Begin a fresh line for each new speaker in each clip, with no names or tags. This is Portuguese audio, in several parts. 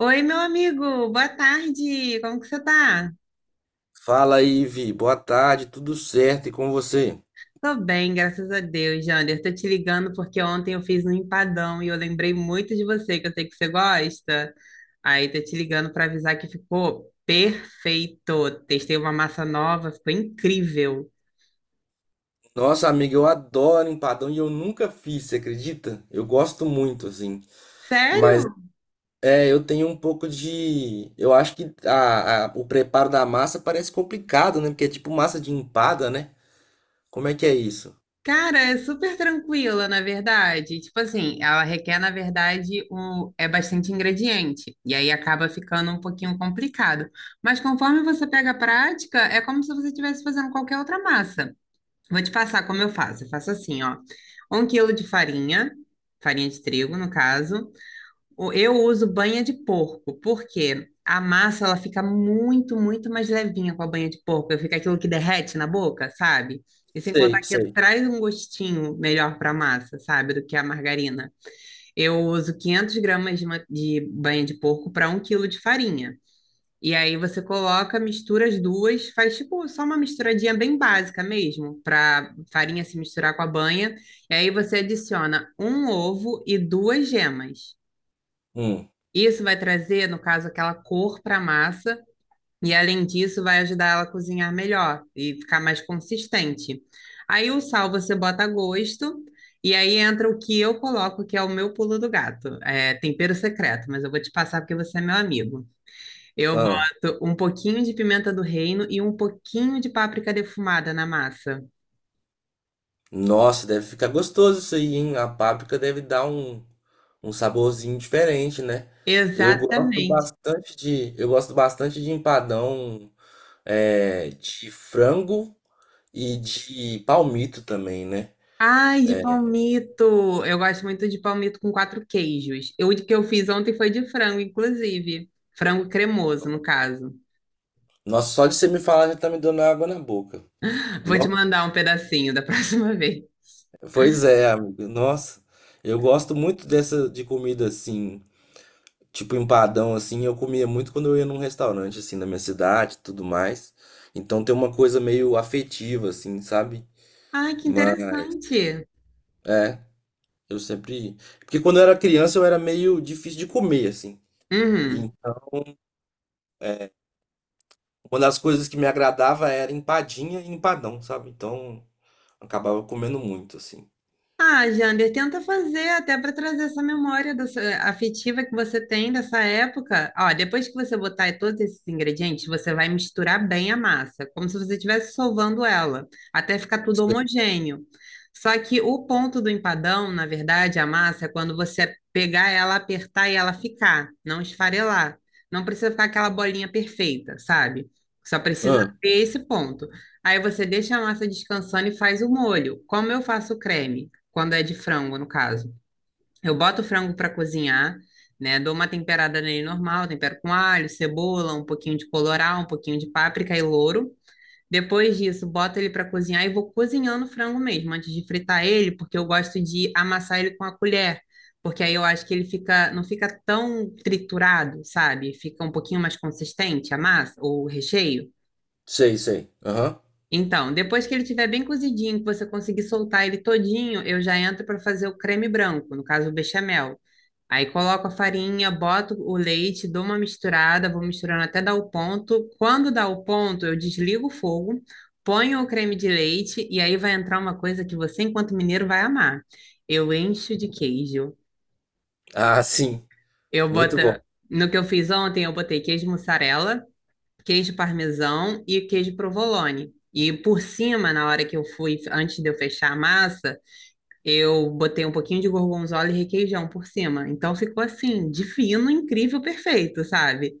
Oi, meu amigo, boa tarde. Como que você tá?
Fala aí, Ivi. Boa tarde, tudo certo e com você?
Tô bem, graças a Deus, Jander. Tô te ligando porque ontem eu fiz um empadão e eu lembrei muito de você, que eu sei que você gosta. Aí tô te ligando para avisar que ficou perfeito. Testei uma massa nova, ficou incrível.
Nossa, amiga, eu adoro empadão e eu nunca fiz, você acredita? Eu gosto muito, assim. Mas
Sério?
é, eu tenho um pouco de. Eu acho que o preparo da massa parece complicado, né? Porque é tipo massa de empada, né? Como é que é isso?
Cara, é super tranquila, na verdade. Tipo assim, ela requer, na verdade, é bastante ingrediente. E aí acaba ficando um pouquinho complicado. Mas conforme você pega a prática, é como se você estivesse fazendo qualquer outra massa. Vou te passar como eu faço. Eu faço assim, ó. Um quilo de farinha, farinha de trigo, no caso. Eu uso banha de porco, porque a massa ela fica muito, muito mais levinha com a banha de porco. Fica aquilo que derrete na boca, sabe? E sem contar
Sei,
que
sei.
traz um gostinho melhor para a massa, sabe? Do que a margarina. Eu uso 500 gramas de banha de porco para um quilo de farinha. E aí você coloca, mistura as duas, faz tipo só uma misturadinha bem básica mesmo, para farinha se misturar com a banha. E aí você adiciona um ovo e duas gemas.
Hum.
Isso vai trazer, no caso, aquela cor para a massa, e além disso, vai ajudar ela a cozinhar melhor e ficar mais consistente. Aí o sal você bota a gosto, e aí entra o que eu coloco, que é o meu pulo do gato. É tempero secreto, mas eu vou te passar porque você é meu amigo. Eu
Ah.
boto um pouquinho de pimenta do reino e um pouquinho de páprica defumada na massa.
Nossa, deve ficar gostoso isso aí, hein? A páprica deve dar um, um saborzinho diferente, né?
Exatamente.
Eu gosto bastante de empadão é, de frango e de palmito também, né?
Ai, de palmito! Eu gosto muito de palmito com quatro queijos. Eu, o que eu fiz ontem foi de frango, inclusive. Frango cremoso, no caso.
Nossa, só de você me falar já tá me dando água na boca.
Vou te
No-
mandar um pedacinho da próxima vez.
Pois é, amigo. Nossa, eu gosto muito dessa de comida assim, tipo empadão assim. Eu comia muito quando eu ia num restaurante assim na minha cidade, e tudo mais. Então tem uma coisa meio afetiva assim, sabe?
Ai, que
Mas
interessante!
é, eu sempre, porque quando eu era criança eu era meio difícil de comer assim.
Uhum.
Então é, uma das coisas que me agradava era empadinha e empadão, sabe? Então, acabava comendo muito, assim.
Ah, Jander, tenta fazer até para trazer essa memória afetiva que você tem dessa época. Ó, depois que você botar todos esses ingredientes, você vai misturar bem a massa, como se você estivesse solvando ela, até ficar tudo homogêneo. Só que o ponto do empadão, na verdade, a massa, é quando você pegar ela, apertar e ela ficar, não esfarelar. Não precisa ficar aquela bolinha perfeita, sabe? Só precisa
Hum,
ter esse ponto. Aí você deixa a massa descansando e faz o molho. Como eu faço o creme? Quando é de frango, no caso. Eu boto o frango para cozinhar, né? Dou uma temperada nele normal, tempero com alho, cebola, um pouquinho de colorau, um pouquinho de páprica e louro. Depois disso, boto ele para cozinhar e vou cozinhando o frango mesmo, antes de fritar ele, porque eu gosto de amassar ele com a colher, porque aí eu acho que ele fica, não fica tão triturado, sabe? Fica um pouquinho mais consistente a massa, ou o recheio.
sei, sei. Aham.
Então, depois que ele estiver bem cozidinho, que você conseguir soltar ele todinho, eu já entro para fazer o creme branco, no caso o bechamel. Aí coloco a farinha, boto o leite, dou uma misturada, vou misturando até dar o ponto. Quando dá o ponto, eu desligo o fogo, ponho o creme de leite e aí vai entrar uma coisa que você, enquanto mineiro, vai amar. Eu encho de queijo.
Ah, sim.
Eu boto,
Muito bom.
no que eu fiz ontem, eu botei queijo mussarela, queijo parmesão e queijo provolone. E por cima, na hora que eu fui, antes de eu fechar a massa, eu botei um pouquinho de gorgonzola e requeijão por cima. Então ficou assim, divino, incrível, perfeito, sabe?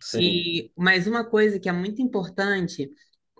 Sim.
E mais uma coisa que é muito importante: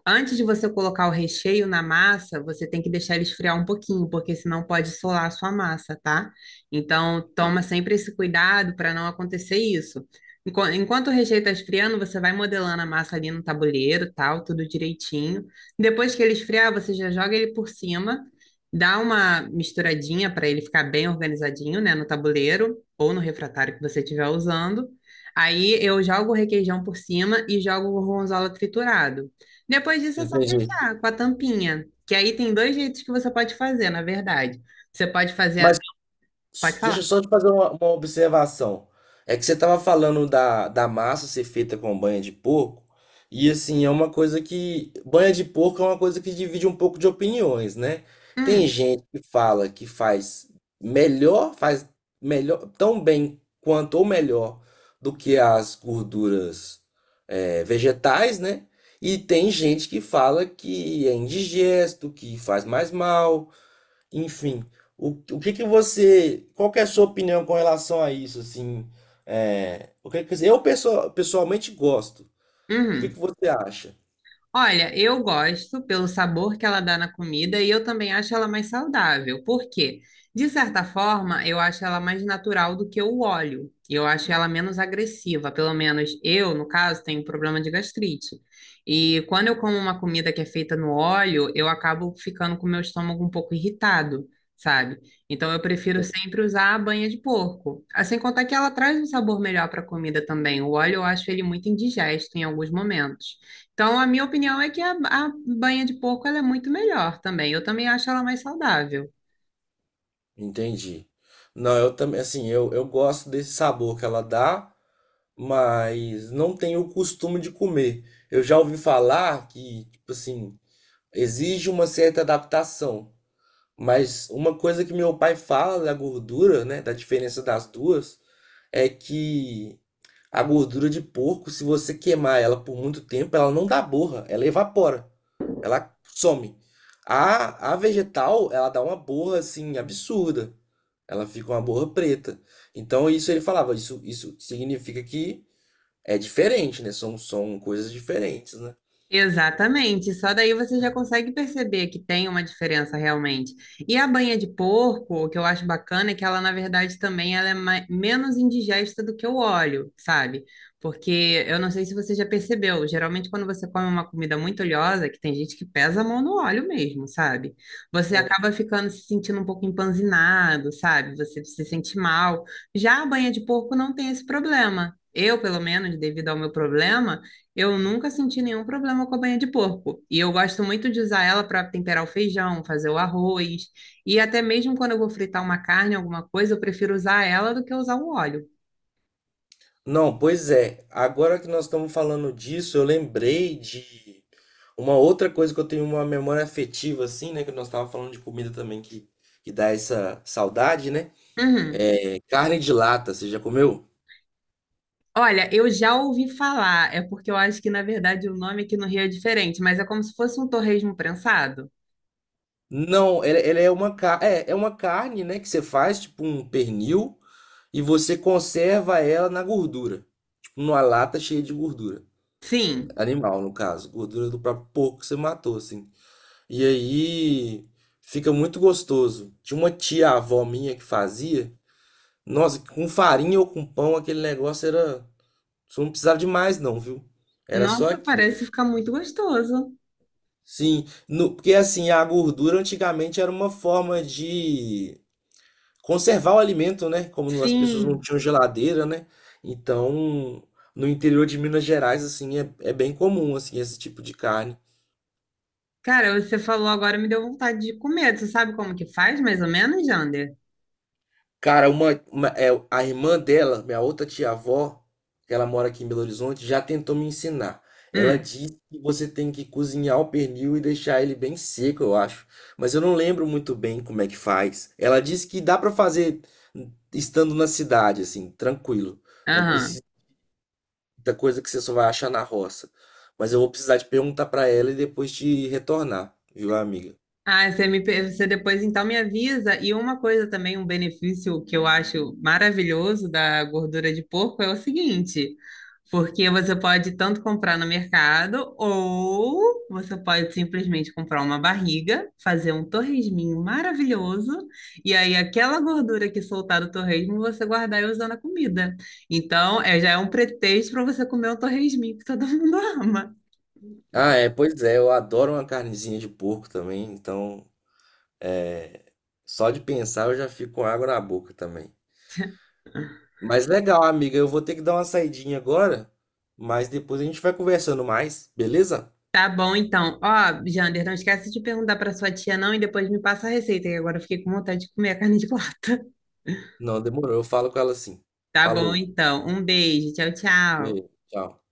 antes de você colocar o recheio na massa, você tem que deixar ele esfriar um pouquinho, porque senão pode solar a sua massa, tá? Então, toma sempre esse cuidado para não acontecer isso. Enquanto o recheio está esfriando, você vai modelando a massa ali no tabuleiro, tal, tudo direitinho. Depois que ele esfriar, você já joga ele por cima, dá uma misturadinha para ele ficar bem organizadinho, né, no tabuleiro ou no refratário que você estiver usando. Aí eu jogo o requeijão por cima e jogo o gorgonzola triturado. Depois disso é só
Entendi.
fechar com a tampinha. Que aí tem dois jeitos que você pode fazer, na verdade. Você pode fazer a...
Mas
Pode
deixa eu
falar.
só te fazer uma observação. É que você estava falando da massa ser feita com banha de porco, e assim, é uma coisa que. Banha de porco é uma coisa que divide um pouco de opiniões, né? Tem
Hum,
gente que fala que faz melhor, tão bem quanto ou melhor do que as gorduras vegetais, né? E tem gente que fala que é indigesto, que faz mais mal. Enfim, o que que você, qual que é a sua opinião com relação a isso, assim, é, o que que, eu pessoalmente gosto, o que
uhum.
que você acha?
Olha, eu gosto pelo sabor que ela dá na comida e eu também acho ela mais saudável. Por quê? De certa forma, eu acho ela mais natural do que o óleo. E eu acho ela menos agressiva. Pelo menos eu, no caso, tenho um problema de gastrite. E quando eu como uma comida que é feita no óleo, eu acabo ficando com o meu estômago um pouco irritado, sabe? Então eu prefiro sempre usar a banha de porco. Ah, sem contar que ela traz um sabor melhor para a comida também. O óleo eu acho ele muito indigesto em alguns momentos. Então, a minha opinião é que a banha de porco ela é muito melhor também. Eu também acho ela mais saudável.
Entendi. Não, eu também, assim, eu gosto desse sabor que ela dá, mas não tenho o costume de comer. Eu já ouvi falar que, tipo assim, exige uma certa adaptação. Mas uma coisa que meu pai fala da gordura, né, da diferença das duas, é que a gordura de porco, se você queimar ela por muito tempo, ela não dá borra, ela evapora, ela some. A vegetal, ela dá uma borra assim absurda. Ela fica uma borra preta. Então isso ele falava, isso significa que é diferente, né? São coisas diferentes, né?
Exatamente, só daí você já consegue perceber que tem uma diferença realmente. E a banha de porco, o que eu acho bacana é que ela, na verdade, também ela é menos indigesta do que o óleo, sabe? Porque eu não sei se você já percebeu, geralmente quando você come uma comida muito oleosa, que tem gente que pesa a mão no óleo mesmo, sabe? Você acaba ficando se sentindo um pouco empanzinado, sabe? Você se sente mal. Já a banha de porco não tem esse problema. Eu, pelo menos, devido ao meu problema, eu nunca senti nenhum problema com a banha de porco. E eu gosto muito de usar ela para temperar o feijão, fazer o arroz. E até mesmo quando eu vou fritar uma carne, alguma coisa, eu prefiro usar ela do que usar o óleo.
Não, pois é. Agora que nós estamos falando disso, eu lembrei de uma outra coisa que eu tenho uma memória afetiva, assim, né? Que nós estávamos falando de comida também, que dá essa saudade, né?
Uhum.
É carne de lata, você já comeu?
Olha, eu já ouvi falar, é porque eu acho que na verdade o nome aqui no Rio é diferente, mas é como se fosse um torresmo prensado.
Não, ela é uma, é uma carne, né? Que você faz, tipo um pernil, e você conserva ela na gordura. Tipo, numa lata cheia de gordura.
Sim.
Animal, no caso. Gordura do próprio porco que você matou, assim. E aí fica muito gostoso. Tinha uma tia avó minha que fazia. Nossa, com farinha ou com pão, aquele negócio era. Só não precisava de mais, não, viu? Era só
Nossa,
aquilo.
parece ficar muito gostoso.
Sim, porque assim, a gordura antigamente era uma forma de conservar o alimento, né? Como as pessoas não
Sim.
tinham geladeira, né? Então, no interior de Minas Gerais, assim, é, é bem comum, assim, esse tipo de carne.
Cara, você falou agora, me deu vontade de comer. Você sabe como que faz, mais ou menos, Jander?
Cara, é, a irmã dela, minha outra tia-avó, que ela mora aqui em Belo Horizonte, já tentou me ensinar. Ela
Hum,
disse que você tem que cozinhar o pernil e deixar ele bem seco, eu acho. Mas eu não lembro muito bem como é que faz. Ela disse que dá pra fazer estando na cidade, assim, tranquilo. Não
aham.
precisa de muita coisa que você só vai achar na roça. Mas eu vou precisar de perguntar pra ela e depois te retornar, viu, amiga?
Ah, você depois então me avisa. E uma coisa também, um benefício que eu acho maravilhoso da gordura de porco é o seguinte, porque você pode tanto comprar no mercado ou você pode simplesmente comprar uma barriga, fazer um torresminho maravilhoso e aí aquela gordura que soltar do torresmo você guardar e usar na comida. Então, é, já é um pretexto para você comer um torresminho que todo mundo ama.
Ah, é, pois é, eu adoro uma carnezinha de porco também, então só de pensar eu já fico com água na boca também. Mas legal, amiga, eu vou ter que dar uma saidinha agora, mas depois a gente vai conversando mais, beleza?
Tá bom, então. Ó, Jander, não esquece de perguntar pra sua tia, não, e depois me passa a receita, que agora eu fiquei com vontade de comer a carne de lata.
Não, demorou. Eu falo com ela assim.
Tá bom,
Falou.
então. Um beijo. Tchau, tchau.
Beijo, tchau.